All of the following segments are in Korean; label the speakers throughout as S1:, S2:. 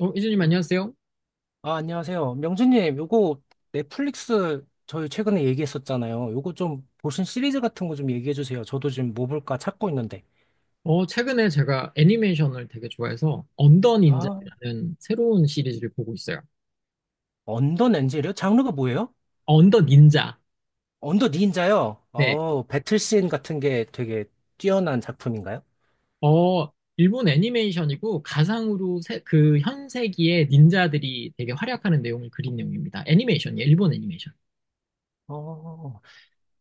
S1: 이진님 안녕하세요.
S2: 아, 안녕하세요. 명준님, 요거 넷플릭스 저희 최근에 얘기했었잖아요. 요거 좀 보신 시리즈 같은 거 좀 얘기해 주세요. 저도 지금 뭐 볼까 찾고 있는데.
S1: 최근에 제가 애니메이션을 되게 좋아해서 언더
S2: 아,
S1: 닌자라는 새로운 시리즈를 보고 있어요.
S2: 언더 렌즈요? 장르가 뭐예요?
S1: 언더 닌자.
S2: 언더 닌자요?
S1: 네.
S2: 배틀씬 같은 게 되게 뛰어난 작품인가요?
S1: 어, 일본 애니메이션이고 그 현세기의 닌자들이 되게 활약하는 내용을 그린 내용입니다. 애니메이션이에요. 일본 애니메이션.
S2: 어,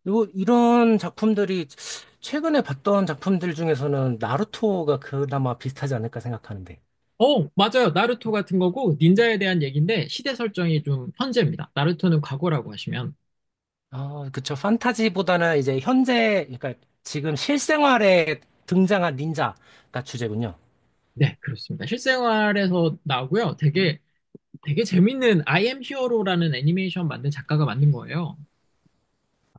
S2: 요, 이런 작품들이 최근에 봤던 작품들 중에서는 나루토가 그나마 비슷하지 않을까 생각하는데.
S1: 어, 맞아요. 나루토 같은 거고 닌자에 대한 얘기인데 시대 설정이 좀 현재입니다. 나루토는 과거라고 하시면
S2: 아, 그쵸. 판타지보다는 이제 현재, 그러니까 지금 실생활에 등장한 닌자가 주제군요.
S1: 네, 그렇습니다. 실생활에서 나오고요. 되게 재밌는 I am 히어로라는 애니메이션 만든 작가가 만든 거예요.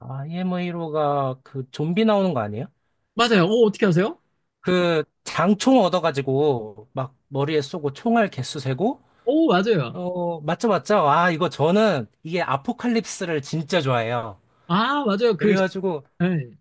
S2: IMA로가 그 좀비 나오는 거 아니에요?
S1: 맞아요. 오, 어떻게 아세요?
S2: 그 장총 얻어가지고 막 머리에 쏘고 총알 개수 세고,
S1: 오, 맞아요.
S2: 맞죠, 맞죠? 아, 이거 저는 이게 아포칼립스를 진짜 좋아해요.
S1: 아, 맞아요. 그,
S2: 그래가지고
S1: 네.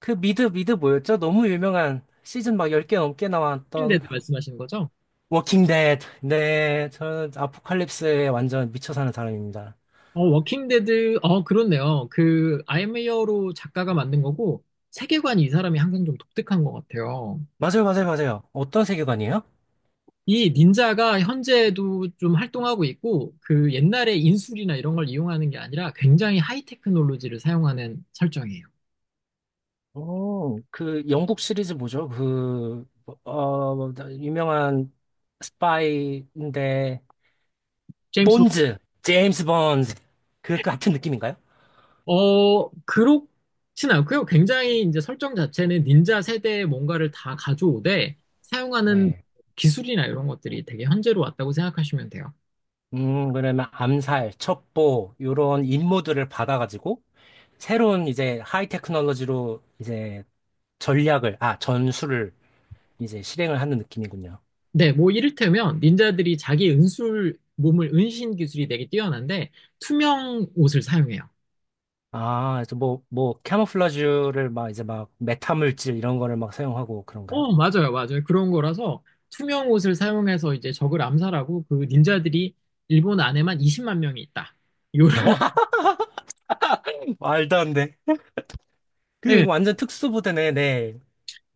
S2: 그 미드 뭐였죠? 너무 유명한 시즌 막 10개 넘게 나왔던
S1: 워킹데드 말씀하시는 거죠?
S2: 워킹 데드. 네, 저는 아포칼립스에 완전 미쳐 사는 사람입니다.
S1: 어, 워킹데드, 어, 그렇네요. 그, I am 히어로 작가가 만든 거고, 세계관이 이 사람이 항상 좀 독특한 것 같아요.
S2: 맞아요, 맞아요, 맞아요. 어떤 세계관이에요?
S1: 이 닌자가 현재도 좀 활동하고 있고, 그 옛날에 인술이나 이런 걸 이용하는 게 아니라 굉장히 하이 테크놀로지를 사용하는 설정이에요.
S2: 오, 그 영국 시리즈 뭐죠? 뭐, 유명한 스파이인데,
S1: 제임스.
S2: 본즈, 제임스 본즈. 그 같은 느낌인가요?
S1: 어, 그렇진 않고요. 굉장히 이제 설정 자체는 닌자 세대의 뭔가를 다 가져오되 사용하는
S2: 네.
S1: 기술이나 이런 것들이 되게 현재로 왔다고 생각하시면 돼요.
S2: 그러면 암살, 첩보, 요런 임무들을 받아가지고, 새로운 이제 하이 테크놀로지로 이제 전략을, 아, 전술을 이제 실행을 하는 느낌이군요.
S1: 네, 뭐 이를테면 닌자들이 자기 은술 몸을 은신 기술이 되게 뛰어난데 투명 옷을 사용해요.
S2: 아, 그래서 뭐, 캐모플라주를 막 이제 막 메타물질 이런 거를 막 사용하고 그런가요?
S1: 어, 맞아요, 맞아요. 그런 거라서 투명 옷을 사용해서 이제 적을 암살하고 그 닌자들이 일본 안에만 20만 명이 있다. 요런,
S2: 말도 안 돼. 그게
S1: 예,
S2: 완전 특수부대네, 네.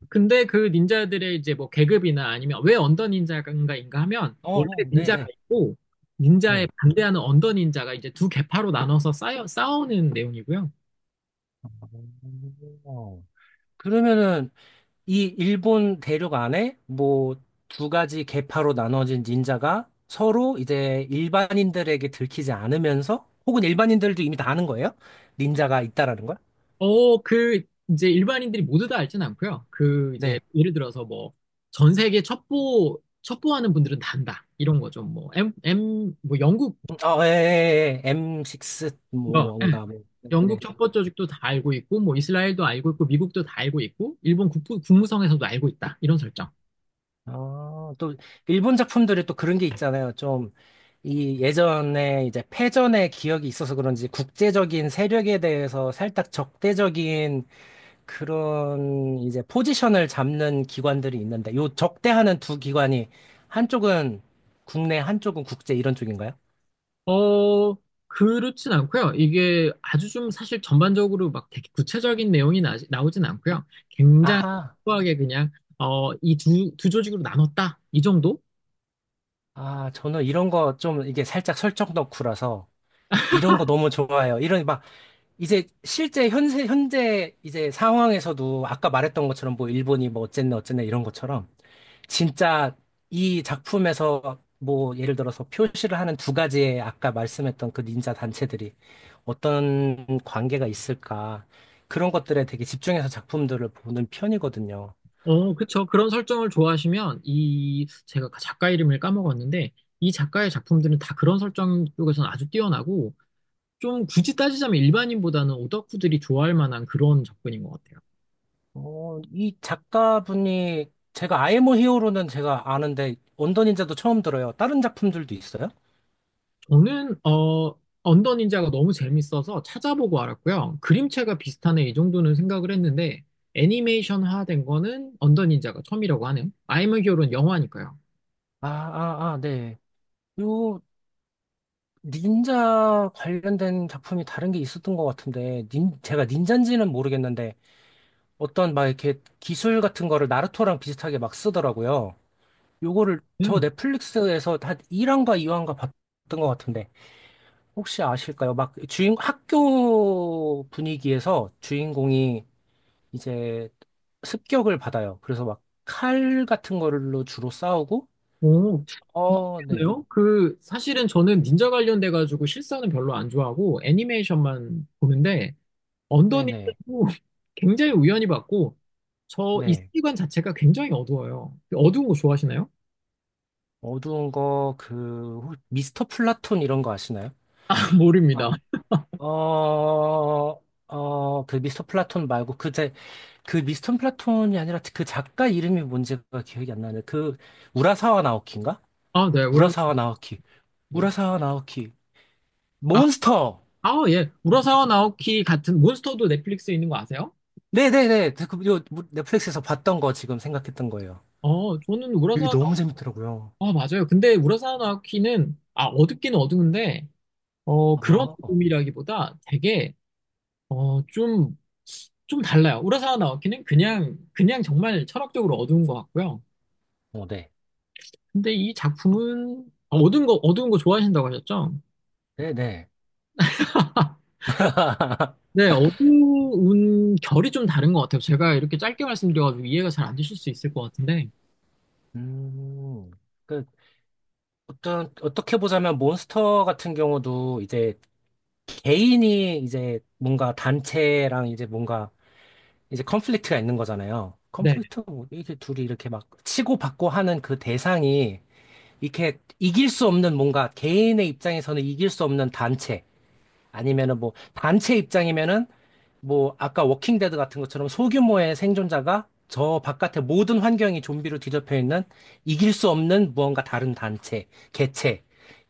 S1: 근데 그 닌자들의 이제 뭐 계급이나 아니면 왜 언더 닌자인가인가 하면 원래
S2: 네,
S1: 닌자가
S2: 네,
S1: 있고 닌자에
S2: 네.
S1: 반대하는 언더 닌자가 이제 두 계파로 나눠서 싸우는 내용이고요.
S2: 어, 그러면은 이 일본 대륙 안에 뭐 두 가지 계파로 나눠진 닌자가 서로 이제 일반인들에게 들키지 않으면서 혹은 일반인들도 이미 다 아는 거예요? 닌자가 있다라는 걸?
S1: 그 이제 일반인들이 모두 다 알진 않고요. 그 이제
S2: 네.
S1: 예를 들어서 뭐 전 세계 첩보 첩보하는 분들은 다 안다 이런 거죠. 뭐 M M 뭐 영국
S2: 예, 예, 예. M6
S1: 뭐
S2: 뭐 뭔가 뭐. 네.
S1: 영국 첩보 조직도 다 알고 있고 뭐 이스라엘도 알고 있고 미국도 다 알고 있고 일본 국부, 국무성에서도 알고 있다 이런 설정.
S2: 아, 또 일본 작품들이 또 그런 게 있잖아요. 좀 이 예전에 이제 패전의 기억이 있어서 그런지 국제적인 세력에 대해서 살짝 적대적인 그런 이제 포지션을 잡는 기관들이 있는데 요 적대하는 두 기관이 한쪽은 국내, 한쪽은 국제 이런 쪽인가요?
S1: 어, 그렇진 않고요. 이게 아주 좀 사실 전반적으로 막 되게 구체적인 내용이 나오진 않고요. 굉장히
S2: 아하.
S1: 소소하게 그냥 이 두 조직으로 나눴다. 이 정도?
S2: 아, 저는 이런 거 좀 이게 살짝 설정 덕후라서 이런 거 너무 좋아해요. 이런 이제 실제 현재 이제 상황에서도 아까 말했던 것처럼 뭐 일본이 뭐 어쨌네 어쨌네 이런 것처럼 진짜 이 작품에서 뭐 예를 들어서 표시를 하는 두 가지의 아까 말씀했던 그 닌자 단체들이 어떤 관계가 있을까 그런 것들에 되게 집중해서 작품들을 보는 편이거든요.
S1: 어, 그쵸. 그런 설정을 좋아하시면 이 제가 작가 이름을 까먹었는데 이 작가의 작품들은 다 그런 설정 쪽에서는 아주 뛰어나고 좀 굳이 따지자면 일반인보다는 오덕후들이 좋아할 만한 그런 접근인 것 같아요.
S2: 이 작가분이 제가 아이 모 히어로는 제가 아는데 원더 닌자도 처음 들어요. 다른 작품들도 있어요?
S1: 저는 언더 닌자가 너무 재밌어서 찾아보고 알았고요. 그림체가 비슷하네 이 정도는 생각을 했는데 애니메이션화된 거는 언더 닌자가 처음이라고 하네요. 아이 엠 히어로는 영화니까요.
S2: 아, 아, 아, 네. 요 닌자 관련된 작품이 다른 게 있었던 것 같은데, 닌, 제가 닌자인지는 모르겠는데, 어떤 막 이렇게 기술 같은 거를 나루토랑 비슷하게 막 쓰더라고요. 요거를 저
S1: 음.
S2: 넷플릭스에서 한 1화인가 2화인가 봤던 것 같은데, 혹시 아실까요? 막 주인, 학교 분위기에서 주인공이 이제 습격을 받아요. 그래서 막 칼 같은 걸로 주로 싸우고,
S1: 오,
S2: 어, 네.
S1: 그래요? 그 사실은 저는 닌자 관련돼 가지고 실사는 별로 안 좋아하고 애니메이션만 보는데 언더
S2: 네네.
S1: 닌자도 굉장히 우연히 봤고 저 이
S2: 네.
S1: 세계관 자체가 굉장히 어두워요. 어두운 거 좋아하시나요?
S2: 어두운 거, 그, 미스터 플라톤 이런 거 아시나요?
S1: 모릅니다.
S2: 아, 어, 그 미스터 플라톤 말고, 그, 제, 그 미스터 플라톤이 아니라 그 작가 이름이 뭔지가 기억이 안 나네. 그, 우라사와 나오키인가?
S1: 아, 네,
S2: 우라사와
S1: 그렇습니다.
S2: 나오키. 우라사와 나오키. 몬스터!
S1: 아, 예. 우라사와 나오키 같은 몬스터도 넷플릭스에 있는 거 아세요?
S2: 네네네. 그, 요, 뭐, 넷플릭스에서 봤던 거 지금 생각했던 거예요.
S1: 어, 저는
S2: 이게
S1: 우라사와
S2: 너무
S1: 나오키,
S2: 재밌더라고요.
S1: 아, 맞아요. 근데 우라사와 나오키는, 아, 어둡긴 어두운데, 그런
S2: 아,
S1: 어둠이라기보다 되게, 어, 좀, 좀 달라요. 우라사와 나오키는 그냥 정말 철학적으로 어두운 것 같고요.
S2: 네.
S1: 근데 이 작품은, 어두운 거 좋아하신다고 하셨죠?
S2: 네네.
S1: 네, 어두운 결이 좀 다른 것 같아요. 제가 이렇게 짧게 말씀드려가지고 이해가 잘 안 되실 수 있을 것 같은데,
S2: 음. 그, 어떻게 보자면 몬스터 같은 경우도 이제 개인이 이제 뭔가 단체랑 이제 뭔가 이제 컨플릭트가 있는 거잖아요.
S1: 네.
S2: 컨플릭트, 뭐 이게 둘이 이렇게 막 치고받고 하는 그 대상이 이렇게 이길 수 없는 뭔가 개인의 입장에서는 이길 수 없는 단체 아니면은 뭐 단체 입장이면은 뭐 아까 워킹 데드 같은 것처럼 소규모의 생존자가 저 바깥의 모든 환경이 좀비로 뒤덮여 있는 이길 수 없는 무언가 다른 단체, 개체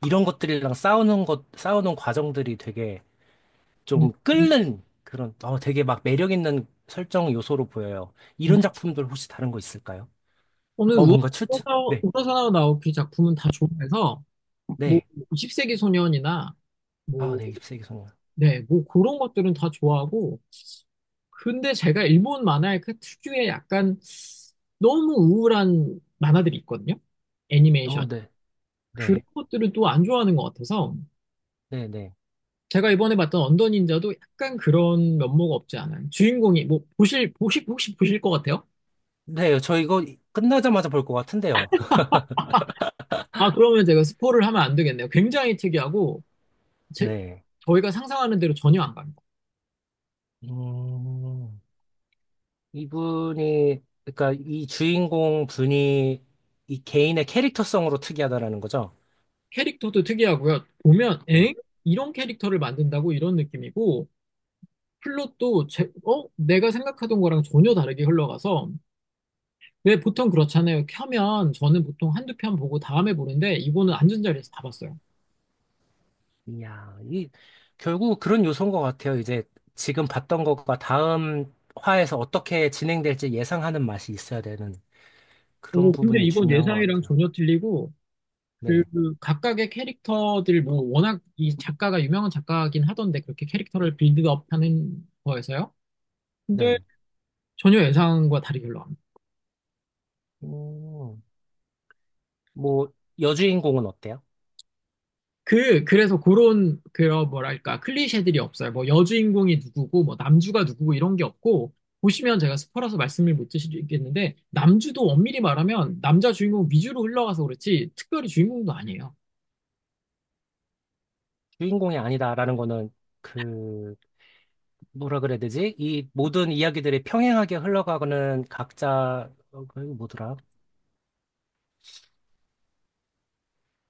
S2: 이런 것들이랑 싸우는 것 싸우는 과정들이 되게
S1: 음,
S2: 좀
S1: 음,
S2: 끓는 그런 어 되게 막 매력 있는 설정 요소로 보여요. 이런 작품들 혹시 다른 거 있을까요?
S1: 오늘
S2: 뭔가 추측? 네.
S1: 우러사나와 나오키 작품은 다 좋아해서 뭐
S2: 네.
S1: 20세기 소년이나
S2: 아,
S1: 뭐,
S2: 네. 잎새기 소년.
S1: 네, 뭐 그런 것들은 다 좋아하고 근데 제가 일본 만화의 그 특유의 약간 너무 우울한 만화들이 있거든요. 애니메이션.
S2: 어, 네.
S1: 그런
S2: 네.
S1: 것들을 또 안 좋아하는 것 같아서
S2: 네, 네.
S1: 제가 이번에 봤던 언더 닌자도 약간 그런 면모가 없지 않아요. 주인공이 뭐 보실 보시 혹시 보실 것 같아요?
S2: 네, 저 이거 끝나자마자 볼 것 같은데요.
S1: 아 그러면 제가 스포를 하면 안 되겠네요. 굉장히 특이하고 제,
S2: 네.
S1: 저희가 상상하는 대로 전혀 안 가요.
S2: 음. 이분이, 그러니까 이 주인공 분이 이 개인의 캐릭터성으로 특이하다라는 거죠.
S1: 캐릭터도 특이하고요. 보면
S2: 네.
S1: 엥? 이런 캐릭터를 만든다고 이런 느낌이고 플롯도 어? 내가 생각하던 거랑 전혀 다르게 흘러가서 왜 보통 그렇잖아요. 켜면 저는 보통 한두 편 보고 다음에 보는데 이거는 앉은 자리에서 다 봤어요.
S2: 이야, 결국 그런 요소인 것 같아요. 이제 지금 봤던 것과 다음 화에서 어떻게 진행될지 예상하는 맛이 있어야 되는 그런
S1: 오, 근데
S2: 부분이
S1: 이건
S2: 중요한 것
S1: 예상이랑
S2: 같아요.
S1: 전혀 틀리고
S2: 네.
S1: 그 각각의 캐릭터들 뭐 워낙 이 작가가 유명한 작가긴 하던데 그렇게 캐릭터를 빌드업하는 거에서요. 근데
S2: 네.
S1: 전혀 예상과 다르게 흘러갑니다.
S2: 음, 뭐, 여주인공은 어때요?
S1: 그래서 그런, 뭐랄까, 클리셰들이 없어요. 뭐, 여주인공이 누구고, 뭐, 남주가 누구고, 이런 게 없고, 보시면 제가 스포라서 말씀을 못 드리겠는데, 남주도 엄밀히 말하면, 남자 주인공 위주로 흘러가서 그렇지, 특별히 주인공도 아니에요.
S2: 주인공이 아니다라는 거는 그, 뭐라 그래야 되지? 이 모든 이야기들이 평행하게 흘러가는 각자, 그 뭐더라?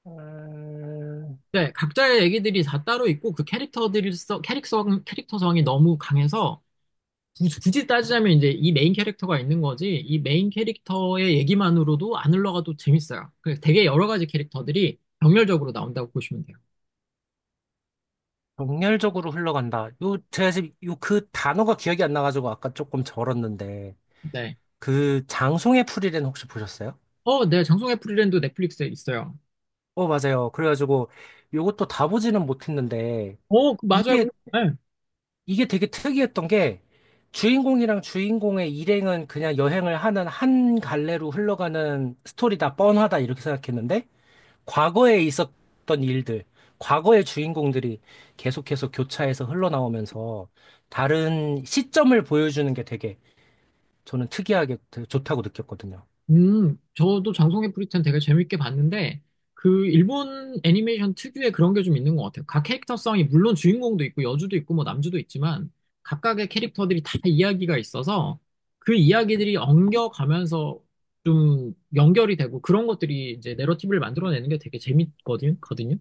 S2: 음,
S1: 네, 각자의 얘기들이 다 따로 있고, 그 캐릭터들이, 캐릭터성이 너무 강해서, 굳이 따지자면 이제 이 메인 캐릭터가 있는 거지, 이 메인 캐릭터의 얘기만으로도 안 흘러가도 재밌어요. 그 되게 여러 가지 캐릭터들이 병렬적으로 나온다고 보시면 돼요.
S2: 정렬적으로 흘러간다. 요, 제가 지금 요 그 단어가 기억이 안 나가지고 아까 조금 절었는데,
S1: 네.
S2: 그 장송의 풀이는 혹시 보셨어요?
S1: 어, 네, 장송의 프리랜드 넷플릭스에 있어요.
S2: 어, 맞아요. 그래가지고 요것도 다 보지는 못했는데,
S1: 맞아요.
S2: 이게,
S1: 네.
S2: 이게 되게 특이했던 게, 주인공이랑 주인공의 일행은 그냥 여행을 하는 한 갈래로 흘러가는 스토리다, 뻔하다, 이렇게 생각했는데, 과거에 있었던 일들, 과거의 주인공들이 계속해서 교차해서 흘러나오면서 다른 시점을 보여주는 게 되게 저는 특이하게 되게 좋다고 느꼈거든요.
S1: 저도 장송의 프리랜드 되게 재밌게 봤는데, 그 일본 애니메이션 특유의 그런 게 좀 있는 것 같아요. 각 캐릭터성이 물론 주인공도 있고 여주도 있고 뭐 남주도 있지만 각각의 캐릭터들이 다 이야기가 있어서 그 이야기들이 엉겨가면서 좀 연결이 되고 그런 것들이 이제 내러티브를 만들어내는 게 되게 재밌거든요. 거든요.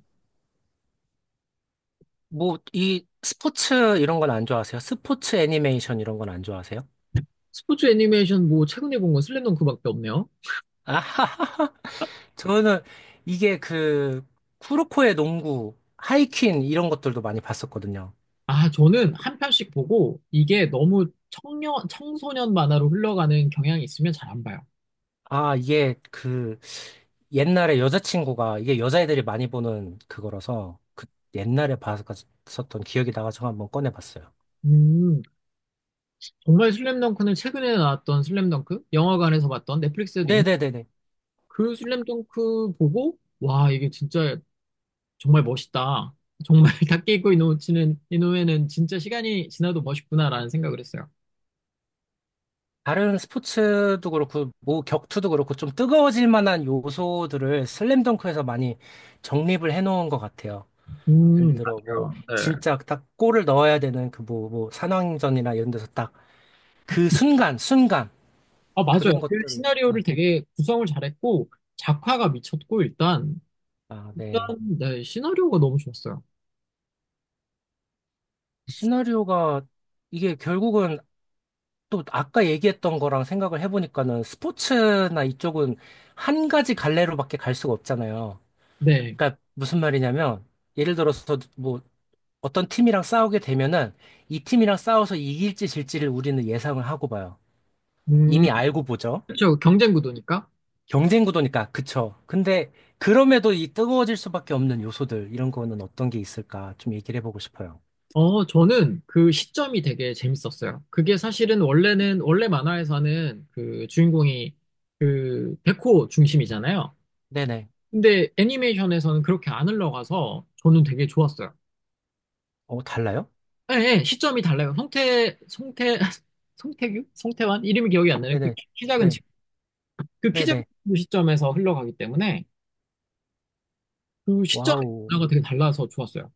S2: 뭐, 이 스포츠 이런 건 안 좋아하세요? 스포츠 애니메이션 이런 건 안 좋아하세요?
S1: 스포츠 애니메이션 뭐 최근에 본 건 슬램덩크밖에 없네요.
S2: 아하하하. 저는 이게 그 쿠로코의 농구, 하이퀸 이런 것들도 많이 봤었거든요.
S1: 아, 저는 한 편씩 보고 이게 너무 청년, 청소년 만화로 흘러가는 경향이 있으면 잘 안 봐요.
S2: 아, 이게 그 옛날에 여자친구가 이게 여자애들이 많이 보는 그거라서 그 옛날에 봤었던 기억이 나가지고 한번 꺼내봤어요.
S1: 음, 정말 슬램덩크는 최근에 나왔던 슬램덩크? 영화관에서 봤던 넷플릭스에도 있는
S2: 네네네네.
S1: 그 슬램덩크 보고, 와, 이게 진짜 정말 멋있다. 정말 다케이코 이노우치는, 이노우에는 진짜 시간이 지나도 멋있구나라는 생각을 했어요.
S2: 다른 스포츠도 그렇고 뭐 격투도 그렇고 좀 뜨거워질 만한 요소들을 슬램덩크에서 많이 정립을 해놓은 것 같아요. 예를 들어 뭐
S1: 요 네.
S2: 진짜 딱 골을 넣어야 되는 그 뭐 산왕전이나 이런 데서 딱 그 순간 순간
S1: 아, 맞아요.
S2: 그런
S1: 그
S2: 것들을
S1: 시나리오를 되게 구성을 잘했고, 작화가 미쳤고, 일단,
S2: 아,
S1: 일단,
S2: 네.
S1: 네, 시나리오가 너무 좋았어요.
S2: 시나리오가 이게 결국은 또 아까 얘기했던 거랑 생각을 해보니까는 스포츠나 이쪽은 한 가지 갈래로밖에 갈 수가 없잖아요.
S1: 네.
S2: 그러니까 무슨 말이냐면 예를 들어서 뭐 어떤 팀이랑 싸우게 되면은 이 팀이랑 싸워서 이길지 질지를 우리는 예상을 하고 봐요.
S1: 음,
S2: 이미 알고 보죠.
S1: 그렇죠. 경쟁 구도니까.
S2: 경쟁 구도니까 그쵸. 근데 그럼에도 이 뜨거워질 수밖에 없는 요소들 이런 거는 어떤 게 있을까 좀 얘기를 해보고 싶어요.
S1: 어, 저는 그 시점이 되게 재밌었어요. 그게 사실은 원래 만화에서는 그 주인공이 그 백호 중심이잖아요.
S2: 네네.
S1: 근데 애니메이션에서는 그렇게 안 흘러가서 저는 되게 좋았어요.
S2: 어 달라요?
S1: 예, 예, 시점이 달라요. 송태환 이름이 기억이 안 나네요.
S2: 네네.
S1: 키 작은
S2: 네.
S1: 친구. 그키 작은
S2: 네네.
S1: 친구 시점에서 흘러가기 때문에 그 시점의
S2: 와우.
S1: 변화가 되게 달라서 좋았어요.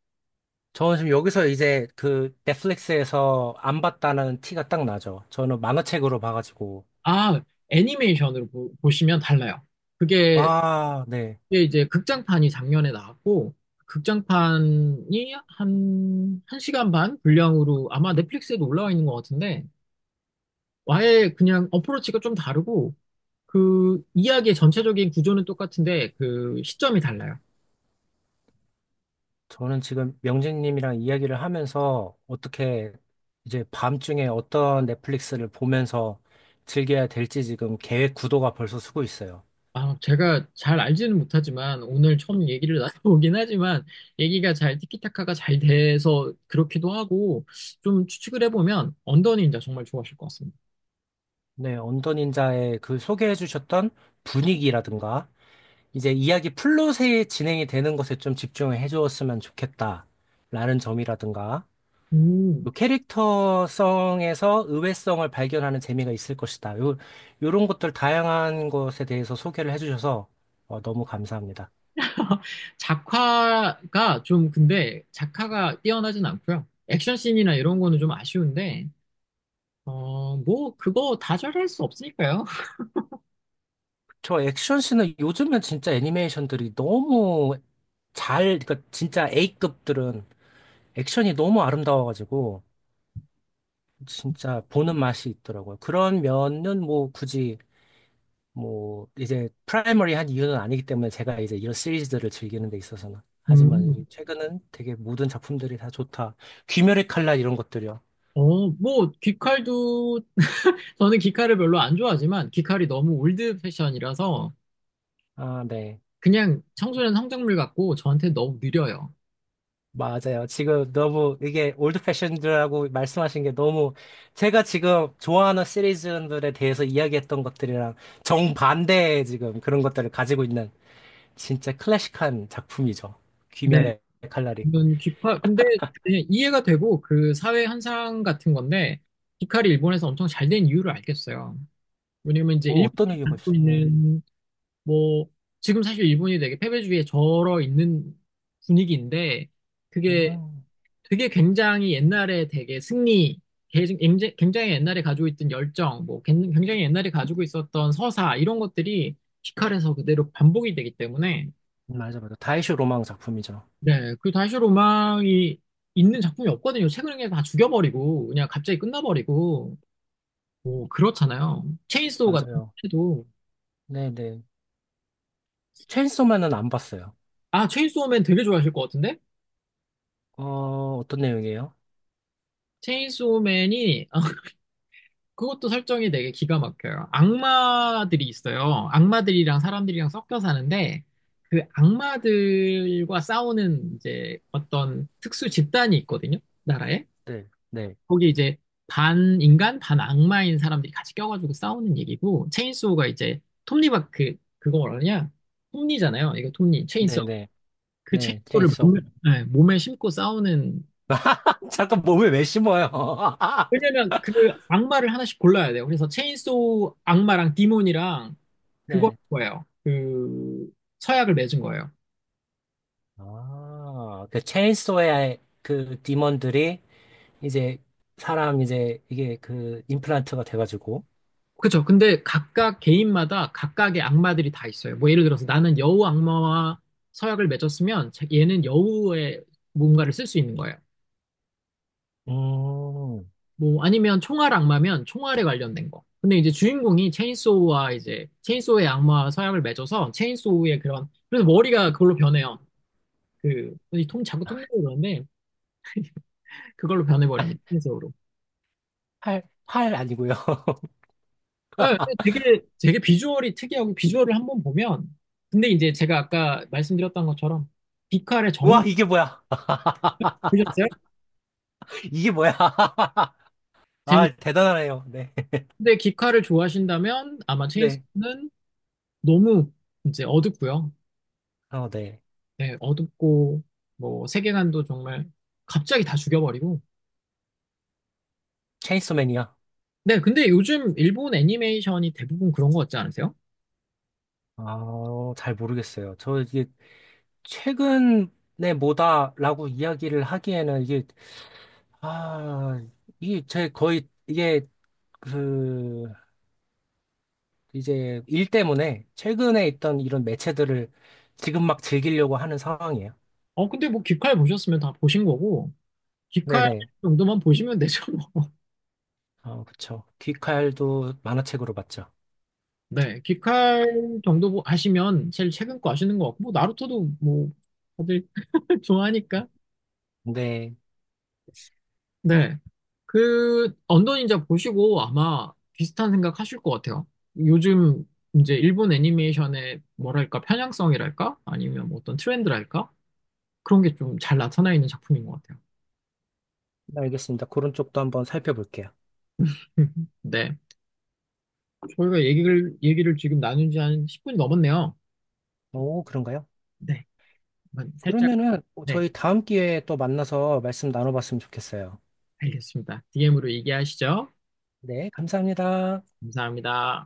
S2: 저는 지금 여기서 이제 그 넷플릭스에서 안 봤다는 티가 딱 나죠. 저는 만화책으로 봐가지고.
S1: 아, 보시면 달라요. 그게
S2: 와, 네.
S1: 이데 이제 극장판이 작년에 나왔고, 극장판이 한 시간 반 분량으로 아마 넷플릭스에도 올라와 있는 것 같은데, 아예 그냥 어프로치가 좀 다르고, 그 이야기의 전체적인 구조는 똑같은데, 그 시점이 달라요.
S2: 저는 지금 명진님이랑 이야기를 하면서 어떻게 이제 밤중에 어떤 넷플릭스를 보면서 즐겨야 될지 지금 계획 구도가 벌써 서고 있어요.
S1: 아, 제가 잘 알지는 못하지만, 오늘 처음 얘기를 나눠보긴 하지만, 얘기가 잘 티키타카가 잘 돼서 그렇기도 하고, 좀 추측을 해보면, 언더 닌자 정말 좋아하실 것 같습니다.
S2: 네, 언더닌자의 그 소개해 주셨던 분위기라든가 이제 이야기 플롯에 진행이 되는 것에 좀 집중을 해 주었으면 좋겠다라는 점이라든가
S1: 음.
S2: 요 캐릭터성에서 의외성을 발견하는 재미가 있을 것이다. 요, 요런 것들 다양한 것에 대해서 소개를 해주셔서 어, 너무 감사합니다.
S1: 작화가 좀 근데 작화가 뛰어나진 않고요. 액션 씬이나 이런 거는 좀 아쉬운데 뭐 그거 다 잘할 수 없으니까요.
S2: 저 액션 씬은 요즘은 진짜 애니메이션들이 너무 잘, 그러니까 진짜 A급들은 액션이 너무 아름다워가지고 진짜 보는 맛이 있더라고요. 그런 면은 뭐 굳이 뭐 이제 프라이머리 한 이유는 아니기 때문에 제가 이제 이런 시리즈들을 즐기는 데 있어서는 하지만 이제
S1: 음.
S2: 최근은 되게 모든 작품들이 다 좋다. 귀멸의 칼날 이런 것들이요.
S1: 뭐 귀칼도 저는 귀칼을 별로 안 좋아하지만 귀칼이 너무 올드 패션이라서
S2: 아, 네.
S1: 그냥 청소년 성장물 같고 저한테 너무 느려요.
S2: 맞아요. 지금 너무 이게 올드 패션들하고 말씀하신 게 너무 제가 지금 좋아하는 시리즈들에 대해서 이야기했던 것들이랑 정반대의 지금 그런 것들을 가지고 있는 진짜 클래식한 작품이죠.
S1: 네.
S2: 귀멸의 칼날이.
S1: 이건 귀칼 근데 그냥 이해가 되고 그 사회 현상 같은 건데 귀칼이 일본에서 엄청 잘된 이유를 알겠어요. 왜냐면 이제 일본이
S2: 어떤 의미가
S1: 갖고
S2: 있어요? 네.
S1: 있는 뭐 지금 사실 일본이 되게 패배주의에 절어 있는 분위기인데 그게
S2: 음,
S1: 되게 굉장히 옛날에 되게 승리 개- 굉장히 굉장히 옛날에 가지고 있던 열정 뭐 굉장히 옛날에 가지고 있었던 서사 이런 것들이 피칼에서 그대로 반복이 되기 때문에
S2: 맞아, 맞아. 다이쇼 로망 작품이죠.
S1: 네 그 다시 로망이 있는 작품이 없거든요 최근에 그냥 다 죽여버리고 그냥 갑자기 끝나버리고 뭐 그렇잖아요 체인소우 같은
S2: 맞아요.
S1: 것도
S2: 네네. 체인소맨은 안 봤어요.
S1: 아 체인소우맨 되게 좋아하실 것 같은데
S2: 어, 어떤 내용이에요?
S1: 체인소우맨이 그것도 설정이 되게 기가 막혀요. 악마들이 있어요. 악마들이랑 사람들이랑 섞여 사는데 그 악마들과 싸우는 이제 어떤 특수 집단이 있거든요. 나라에.
S2: 네, 네,
S1: 거기 이제 반 인간, 반 악마인 사람들이 같이 껴가지고 싸우는 얘기고 체인소가 이제 톱니바크 그거 뭐라냐? 톱니잖아요. 이거 톱니, 체인소.
S2: 네, 네,
S1: 그
S2: 네,
S1: 체인소를
S2: 체인소.
S1: 몸에, 네, 몸에 심고 싸우는
S2: 잠깐 몸에 왜 심어요?
S1: 왜냐면 그 악마를 하나씩 골라야 돼요. 그래서 체인소우 악마랑 디몬이랑 그거
S2: 네.
S1: 거예요. 그 서약을 맺은 거예요.
S2: 아, 그 체인소의 그 디몬들이 이제 사람 이제 이게 그 임플란트가 돼가지고.
S1: 그렇죠. 근데 각각 개인마다 각각의 악마들이 다 있어요. 뭐 예를 들어서 나는 여우 악마와 서약을 맺었으면 얘는 여우의 뭔가를 쓸 수 있는 거예요.
S2: 음,
S1: 뭐 아니면 총알 악마면 총알에 관련된 거. 근데 이제 주인공이 체인소우와 이제 체인소우의 악마와 서약을 맺어서 체인소우의 그런 그래서 머리가 그걸로 변해요. 자꾸 톰 나고 그러는데, 그걸로 변해버립니다. 흰색으로.
S2: 팔, 팔 아니고요.
S1: 예, 되게 비주얼이 특이하고 비주얼을 한번 보면 근데 이제 제가 아까 말씀드렸던 것처럼 기카의 정
S2: 와, 이게 뭐야?
S1: 보셨어요?
S2: 이게 뭐야?
S1: 재밌.
S2: 아, 대단하네요. 네,
S1: 근데 기카를 좋아하신다면 아마
S2: 네.
S1: 체인소는 너무 이제 어둡고요.
S2: 어, 네.
S1: 네, 어둡고 뭐 세계관도 정말 갑자기 다 죽여버리고.
S2: 체인소맨이요.
S1: 네, 근데 요즘 일본 애니메이션이 대부분 그런 거 같지 않으세요?
S2: 아, 잘 모르겠어요. 저 이게 최근에 뭐다라고 이야기를 하기에는 이게, 아, 이게 제 거의, 이게 그, 이제 일 때문에 최근에 있던 이런 매체들을 지금 막 즐기려고 하는 상황이에요.
S1: 근데 뭐 기카를 보셨으면 다 보신 거고 기카
S2: 네네.
S1: 정도만 보시면 되죠. 뭐.
S2: 그쵸. 귀칼도 만화책으로 봤죠.
S1: 네, 귀칼 정도 하시면 제일 최근 거 아시는 것 같고, 뭐, 나루토도 뭐, 다들 좋아하니까.
S2: 네.
S1: 네, 그, 언더 닌자 보시고 아마 비슷한 생각 하실 것 같아요. 요즘 이제 일본 애니메이션의 뭐랄까, 편향성이랄까? 아니면 뭐 어떤 트렌드랄까? 그런 게 좀 잘 나타나 있는 작품인 것 같아요.
S2: 알겠습니다. 그런 쪽도 한번 살펴볼게요.
S1: 네, 저희가 얘기를 지금 나눈 지한 10분이 넘었네요.
S2: 오, 그런가요?
S1: 네, 한번 살짝,
S2: 그러면은
S1: 네,
S2: 저희 다음 기회에 또 만나서 말씀 나눠봤으면 좋겠어요.
S1: 알겠습니다. DM으로 얘기하시죠.
S2: 네, 감사합니다.
S1: 감사합니다.